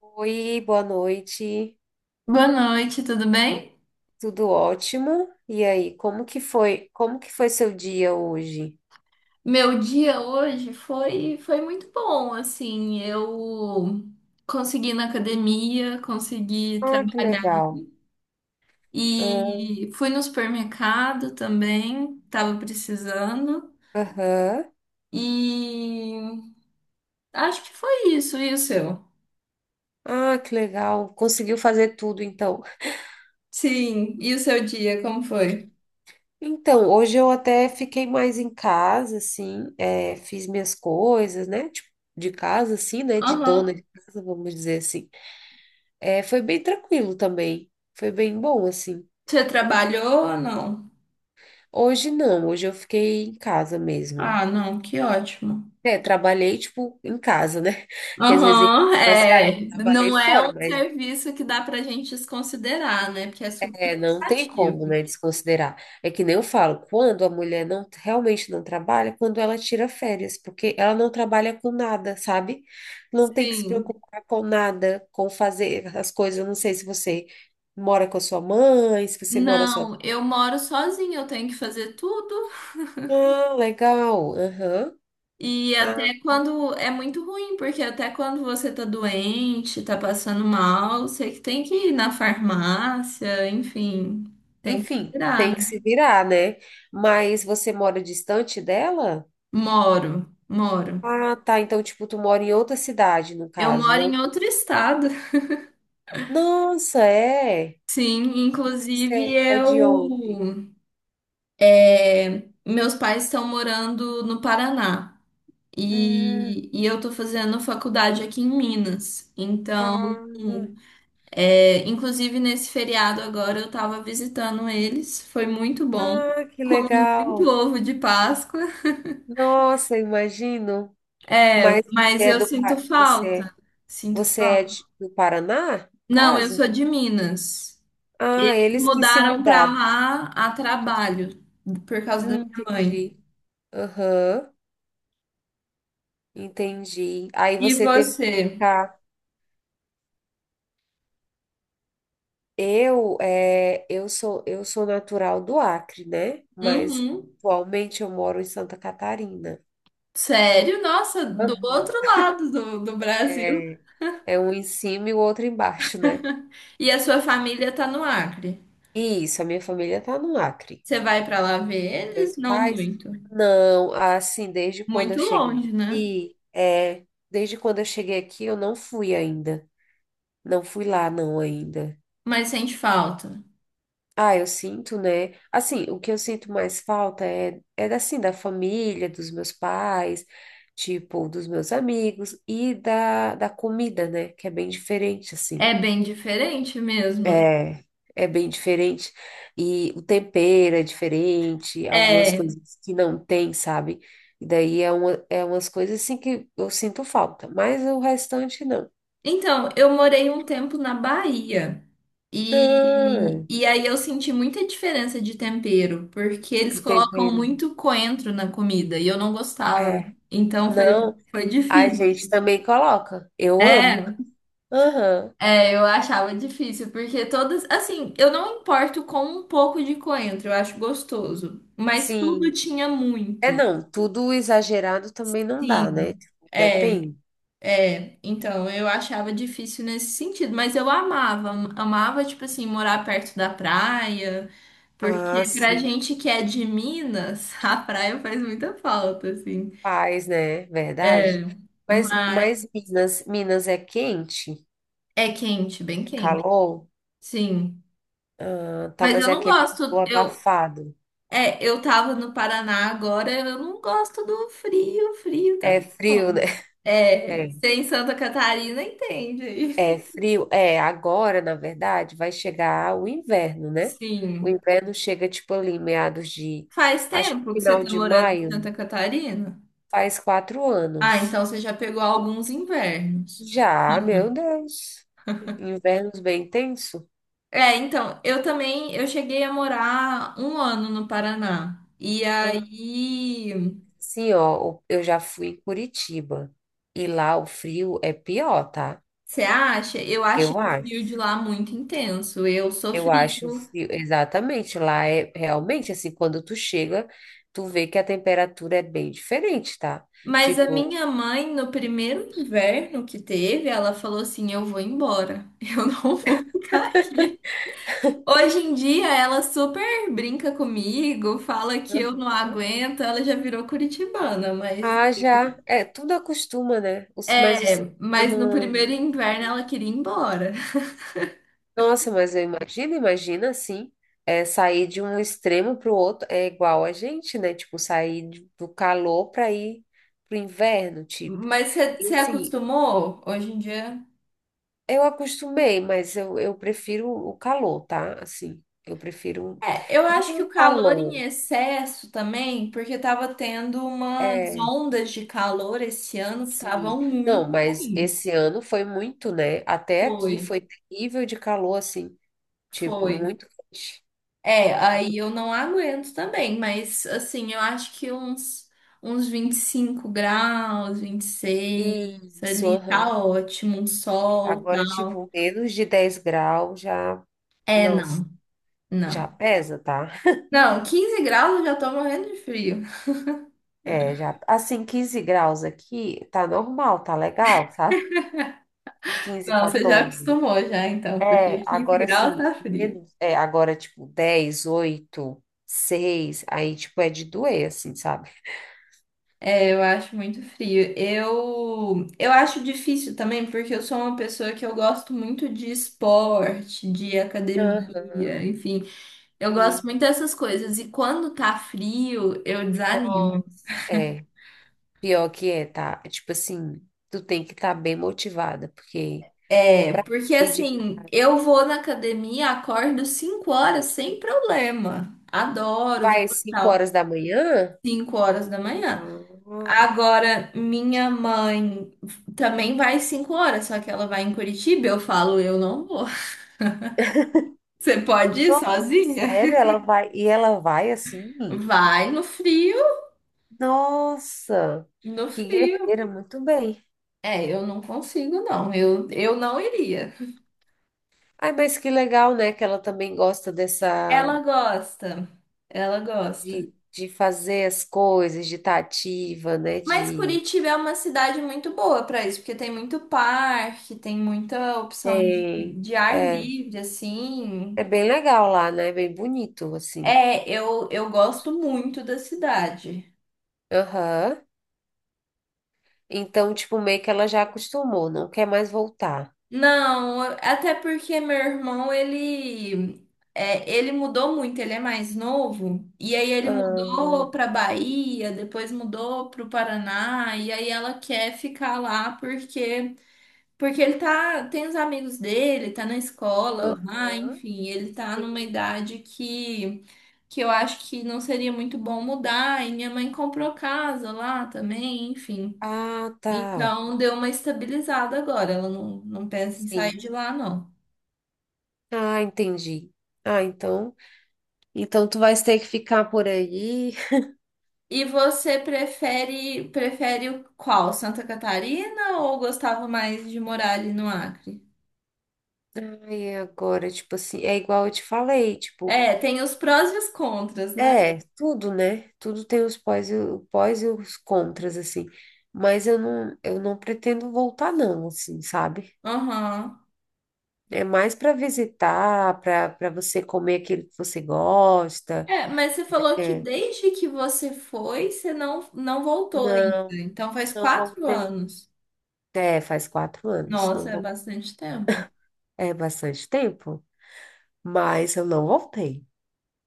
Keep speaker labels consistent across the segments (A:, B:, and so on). A: Oi, boa noite.
B: Boa noite, tudo bem?
A: Tudo ótimo? E aí, como que foi? Como que foi seu dia hoje?
B: Meu dia hoje foi muito bom, assim, eu consegui ir na academia, consegui
A: Ah, que
B: trabalhar
A: legal. Ah,
B: e fui no supermercado também, tava precisando
A: aham.
B: e acho que foi isso, e o seu?
A: Ah, que legal. Conseguiu fazer tudo, então.
B: Sim, e o seu dia, como foi?
A: Então, hoje eu até fiquei mais em casa, assim, é, fiz minhas coisas, né? Tipo, de casa, assim, né? De dona
B: Aham.
A: de casa, vamos dizer assim. É, foi bem tranquilo também. Foi bem bom, assim.
B: Você trabalhou ou não?
A: Hoje não, hoje eu fiquei em casa mesmo.
B: Ah, não, que ótimo.
A: É, trabalhei, tipo, em casa, né? Que às vezes a gente
B: Aham,
A: fala assim, ah,
B: é.
A: eu trabalhei
B: Não é
A: fora,
B: um
A: mas
B: serviço que dá pra gente desconsiderar, né? Porque é super
A: é, não tem como,
B: cansativo.
A: né, desconsiderar. É que nem eu falo, quando a mulher não realmente não trabalha, é quando ela tira férias, porque ela não trabalha com nada, sabe? Não tem que se
B: Sim.
A: preocupar com nada, com fazer as coisas. Eu não sei se você mora com a sua mãe, se você mora só.
B: Não, eu moro sozinha, eu tenho que fazer tudo.
A: Ah, legal. Aham.
B: E
A: Ah,
B: até quando é muito ruim, porque até quando você tá doente, tá passando mal, você que tem que ir na farmácia, enfim, tem que se
A: enfim,
B: virar,
A: tem
B: né?
A: que se virar, né? Mas você mora distante dela?
B: Moro, moro.
A: Ah, tá. Então, tipo, tu mora em outra cidade, no
B: Eu
A: caso,
B: moro
A: não?
B: em outro estado.
A: Nossa, é.
B: Sim,
A: Mas
B: inclusive
A: você é de onde?
B: eu. É, meus pais estão morando no Paraná
A: Hum,
B: e eu tô fazendo faculdade aqui em Minas. Então,
A: ah,
B: é, inclusive nesse feriado agora eu tava visitando eles, foi muito bom,
A: ah, que
B: muito
A: legal.
B: ovo de Páscoa,
A: Nossa, imagino. Mas você
B: mas
A: é
B: eu sinto
A: Você,
B: falta. Sinto
A: é
B: falta.
A: do Paraná, no
B: Não, eu
A: caso?
B: sou de Minas.
A: Ah, eles que se
B: Mudaram pra
A: mudaram.
B: lá a trabalho por causa da minha mãe.
A: Entendi. Aham, entendi. Aí
B: E
A: você teve que
B: você?
A: ficar. Eu sou natural do Acre, né? Mas
B: Uhum.
A: atualmente eu moro em Santa Catarina.
B: Sério? Nossa, do
A: Aham.
B: outro lado do Brasil.
A: É, é um em cima e o outro embaixo, né?
B: E a sua família tá no Acre.
A: E isso, a minha família tá no Acre.
B: Você vai pra lá ver
A: Meus
B: eles? Não
A: pais?
B: muito.
A: Não, assim,
B: Muito longe, né?
A: desde quando eu cheguei aqui, eu não fui ainda. Não fui lá, não, ainda.
B: Mas sente falta.
A: Ah, eu sinto, né? Assim, o que eu sinto mais falta é, é assim, da família, dos meus pais, tipo, dos meus amigos e da comida, né? Que é bem diferente, assim.
B: É bem diferente mesmo.
A: É, é bem diferente. E o tempero é diferente, algumas
B: É.
A: coisas que não tem, sabe? E daí é umas coisas assim que eu sinto falta, mas o restante não.
B: Então, eu morei um tempo na Bahia.
A: Ah,
B: E aí eu senti muita diferença de tempero, porque eles
A: de
B: colocam
A: tempero.
B: muito coentro na comida e eu não gostava.
A: É.
B: Então foi,
A: Não,
B: foi
A: a gente
B: difícil.
A: também coloca. Eu amo.
B: É.
A: Aham,
B: Eu achava difícil, porque todas, assim, eu não importo com um pouco de coentro, eu acho gostoso, mas tudo
A: sim.
B: tinha
A: É,
B: muito.
A: não, tudo exagerado também não dá, né?
B: Sim,
A: Tipo,
B: é,
A: depende.
B: é. Então, eu achava difícil nesse sentido, mas eu amava, amava, tipo assim, morar perto da praia,
A: Ah,
B: porque pra
A: sim,
B: gente que é de Minas, a praia faz muita falta, assim.
A: faz, né?
B: É,
A: Verdade. Mas,
B: mas
A: mas Minas, Minas é quente?
B: é quente, bem
A: É
B: quente.
A: calor?
B: Sim.
A: Ah, tá,
B: Mas
A: mas
B: eu
A: é
B: não
A: aquele
B: gosto.
A: calor
B: Eu,
A: abafado.
B: É, eu tava no Paraná agora, eu não gosto do frio, frio
A: É
B: também.
A: frio, né?
B: Não. É,
A: É,
B: você em Santa Catarina entende aí.
A: é frio. É, agora, na verdade, vai chegar o inverno, né? O
B: Sim.
A: inverno chega, tipo, ali, meados de,
B: Faz
A: acho que
B: tempo que você
A: final
B: tá
A: de
B: morando em
A: maio,
B: Santa Catarina?
A: faz quatro
B: Ah,
A: anos.
B: então você já pegou alguns invernos.
A: Já, meu Deus. Invernos bem tenso?
B: É, então, eu também, eu cheguei a morar um ano no Paraná. E
A: Ah,
B: aí,
A: sim, ó, eu já fui em Curitiba e lá o frio é pior, tá?
B: você acha? Eu achei
A: Eu
B: o frio
A: acho.
B: de lá muito intenso. Eu
A: Eu
B: sofri.
A: acho o frio, exatamente. Lá é realmente assim, quando tu chega, tu vê que a temperatura é bem diferente, tá?
B: Mas a
A: Tipo,
B: minha mãe, no primeiro inverno que teve, ela falou assim: Eu vou embora, eu não vou ficar aqui. Hoje em dia, ela super brinca comigo, fala que eu não
A: aham.
B: aguento, ela já virou curitibana, mas
A: Ah, já, é, tudo acostuma, né? Mas o
B: é,
A: ser
B: mas no primeiro
A: humano.
B: inverno ela queria ir embora.
A: Nossa, mas eu imagino, imagina assim, é, sair de um extremo para o outro é igual a gente, né? Tipo, sair do calor para ir pro inverno, tipo.
B: Mas você
A: E
B: você
A: assim,
B: acostumou hoje em dia?
A: eu acostumei, mas eu prefiro o calor, tá? Assim, eu prefiro
B: É, eu acho
A: não
B: que o
A: o
B: calor em
A: calor.
B: excesso também, porque tava tendo umas
A: É,
B: ondas de calor esse ano que
A: sim.
B: estavam
A: Não,
B: muito
A: mas esse
B: ruins.
A: ano foi muito, né? Até
B: Foi,
A: aqui foi terrível de calor, assim, tipo,
B: foi.
A: muito quente.
B: É, aí eu não aguento também, mas assim, eu acho que uns 25 graus, 26,
A: Isso,
B: ali tá
A: aham.
B: ótimo, um
A: É,
B: sol,
A: agora,
B: tal.
A: tipo, menos de 10 graus já.
B: É,
A: Nossa,
B: não, não.
A: já pesa, tá?
B: Não, 15 graus eu já tô morrendo de frio.
A: É, já. Assim, 15 graus aqui, tá normal, tá legal, sabe? 15
B: Não, você já
A: 14.
B: acostumou já, então,
A: É,
B: porque 15
A: agora
B: graus
A: assim
B: tá frio.
A: menos. É, agora, tipo, 10 8 seis. Aí, tipo, é de doer, assim, sabe?
B: É, eu acho muito frio. Eu acho difícil também, porque eu sou uma pessoa que eu gosto muito de esporte, de
A: Aham,
B: academia, enfim. Eu gosto
A: sim.
B: muito dessas coisas. E quando tá frio, eu desanimo.
A: Nossa, é. Pior que é, tá? É, tipo assim, tu tem que estar bem motivada, porque
B: É,
A: pra
B: porque
A: sair de
B: assim,
A: casa,
B: eu vou na academia, acordo 5 horas sem problema. Adoro, vou
A: vai às
B: e
A: 5
B: tal,
A: horas da manhã?
B: 5 horas da manhã.
A: Ah.
B: Agora, minha mãe também vai às 5 horas, só que ela vai em Curitiba, eu falo, eu não vou. Você pode ir
A: Nossa,
B: sozinha?
A: sério? Ela vai e ela vai assim?
B: Vai no frio,
A: Nossa,
B: no
A: que
B: frio.
A: guerreira, muito bem.
B: É, eu não consigo, não. Eu não iria.
A: Ai, mas que legal, né? Que ela também gosta
B: Ela gosta, ela gosta.
A: de fazer as coisas, de estar ativa, né?
B: Mas
A: De
B: Curitiba é uma cidade muito boa para isso, porque tem muito parque, tem muita opção
A: tem,
B: de ar
A: é,
B: livre, assim.
A: é bem legal lá, né? É bem bonito assim.
B: É, eu gosto muito da cidade.
A: Aham. Então, tipo, meio que ela já acostumou, não quer mais voltar.
B: Não, até porque meu irmão, ele mudou muito, ele é mais novo, e aí ele
A: Ah,
B: mudou para Bahia, depois mudou para o Paraná, e aí ela quer ficar lá porque porque ele tá, tem os amigos dele, tá na escola lá,
A: aham.
B: enfim, ele tá numa
A: Sim.
B: idade que eu acho que não seria muito bom mudar, e minha mãe comprou casa lá também, enfim.
A: Ah, tá.
B: Então deu uma estabilizada agora, ela não, não pensa em sair
A: Sim.
B: de lá, não.
A: Ah, entendi. Ah, então, tu vais ter que ficar por aí.
B: E você prefere, prefere o qual? Santa Catarina ou gostava mais de morar ali no Acre?
A: Ai, agora, tipo assim, é igual eu te falei, tipo,
B: É, tem os prós e os contras, né?
A: é, tudo, né? Tudo tem o pós e os contras, assim. Mas eu não pretendo voltar, não, assim, sabe?
B: Aham.
A: É mais para visitar, para você comer aquilo que você gosta.
B: É, mas você falou que
A: É.
B: desde que você foi, você não, não voltou ainda.
A: Não,
B: Então faz
A: não
B: quatro
A: voltei.
B: anos.
A: É, faz 4 anos, não
B: Nossa, é
A: vou.
B: bastante tempo.
A: É bastante tempo, mas eu não voltei.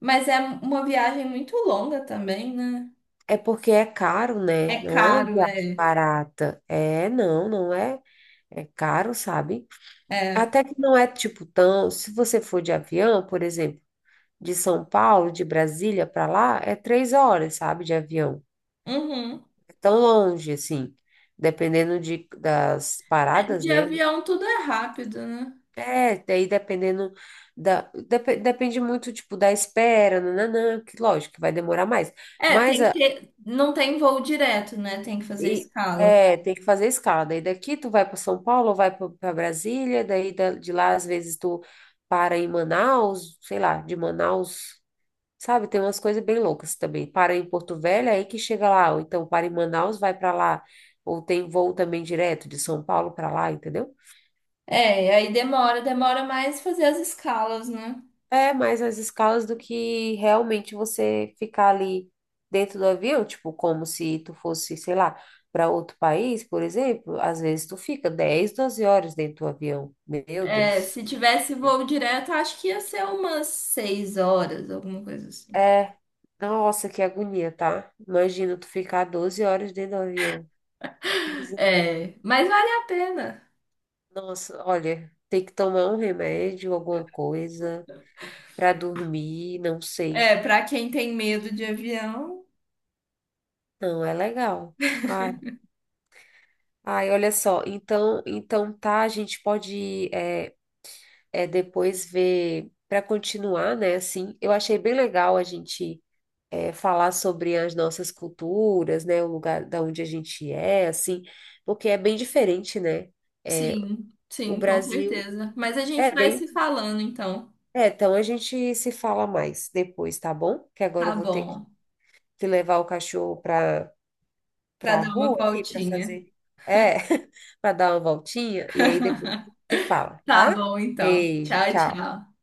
B: Mas é uma viagem muito longa também, né?
A: É porque é caro, né?
B: É
A: Não é uma
B: caro,
A: viagem
B: é.
A: barata. É, não, não é. É caro, sabe?
B: É.
A: Até que não é tipo tão. Se você for de avião, por exemplo, de São Paulo, de Brasília para lá, é 3 horas, sabe? De avião.
B: Uhum.
A: É tão longe, assim. Dependendo das paradas,
B: De
A: né?
B: avião tudo é rápido, né?
A: É, daí dependendo da. Depende muito, tipo, da espera, nananã, que lógico que vai demorar mais.
B: É,
A: Mas
B: tem que
A: a
B: ter. Não tem voo direto, né? Tem que fazer
A: E
B: escala.
A: é, tem que fazer escala. Daí daqui tu vai para São Paulo, vai para Brasília, daí de lá às vezes tu para em Manaus, sei lá, de Manaus, sabe? Tem umas coisas bem loucas também. Para em Porto Velho, aí que chega lá, ou então para em Manaus, vai para lá, ou tem voo também direto de São Paulo para lá, entendeu?
B: É, aí demora mais fazer as escalas, né?
A: É mais as escalas do que realmente você ficar ali dentro do avião, tipo, como se tu fosse, sei lá, para outro país, por exemplo, às vezes tu fica 10, 12 horas dentro do avião. Meu
B: É,
A: Deus.
B: se tivesse voo direto, acho que ia ser umas 6 horas, alguma coisa assim.
A: É, nossa, que agonia, tá? Imagina tu ficar 12 horas dentro do avião. Miser-
B: É, mas vale a pena.
A: Nossa, olha, tem que tomar um remédio, alguma coisa, para dormir, não sei.
B: É, pra quem tem medo de avião.
A: Não é legal. Ai. Ai, olha só, então, tá, a gente pode é, depois ver para continuar, né? Assim, eu achei bem legal a gente falar sobre as nossas culturas, né? O lugar da onde a gente é, assim, porque é bem diferente, né? É,
B: Sim,
A: o
B: sim, com
A: Brasil
B: certeza. Mas a
A: é
B: gente vai se
A: dentro.
B: falando então.
A: É, então a gente se fala mais depois, tá bom? Que agora
B: Tá
A: eu vou ter
B: bom.
A: que levar o cachorro para
B: Pra
A: para a
B: dar uma
A: rua aqui para
B: voltinha.
A: fazer, é, para dar uma voltinha e aí depois se fala,
B: Tá
A: tá?
B: bom então.
A: Beijo,
B: Tchau,
A: tchau.
B: tchau.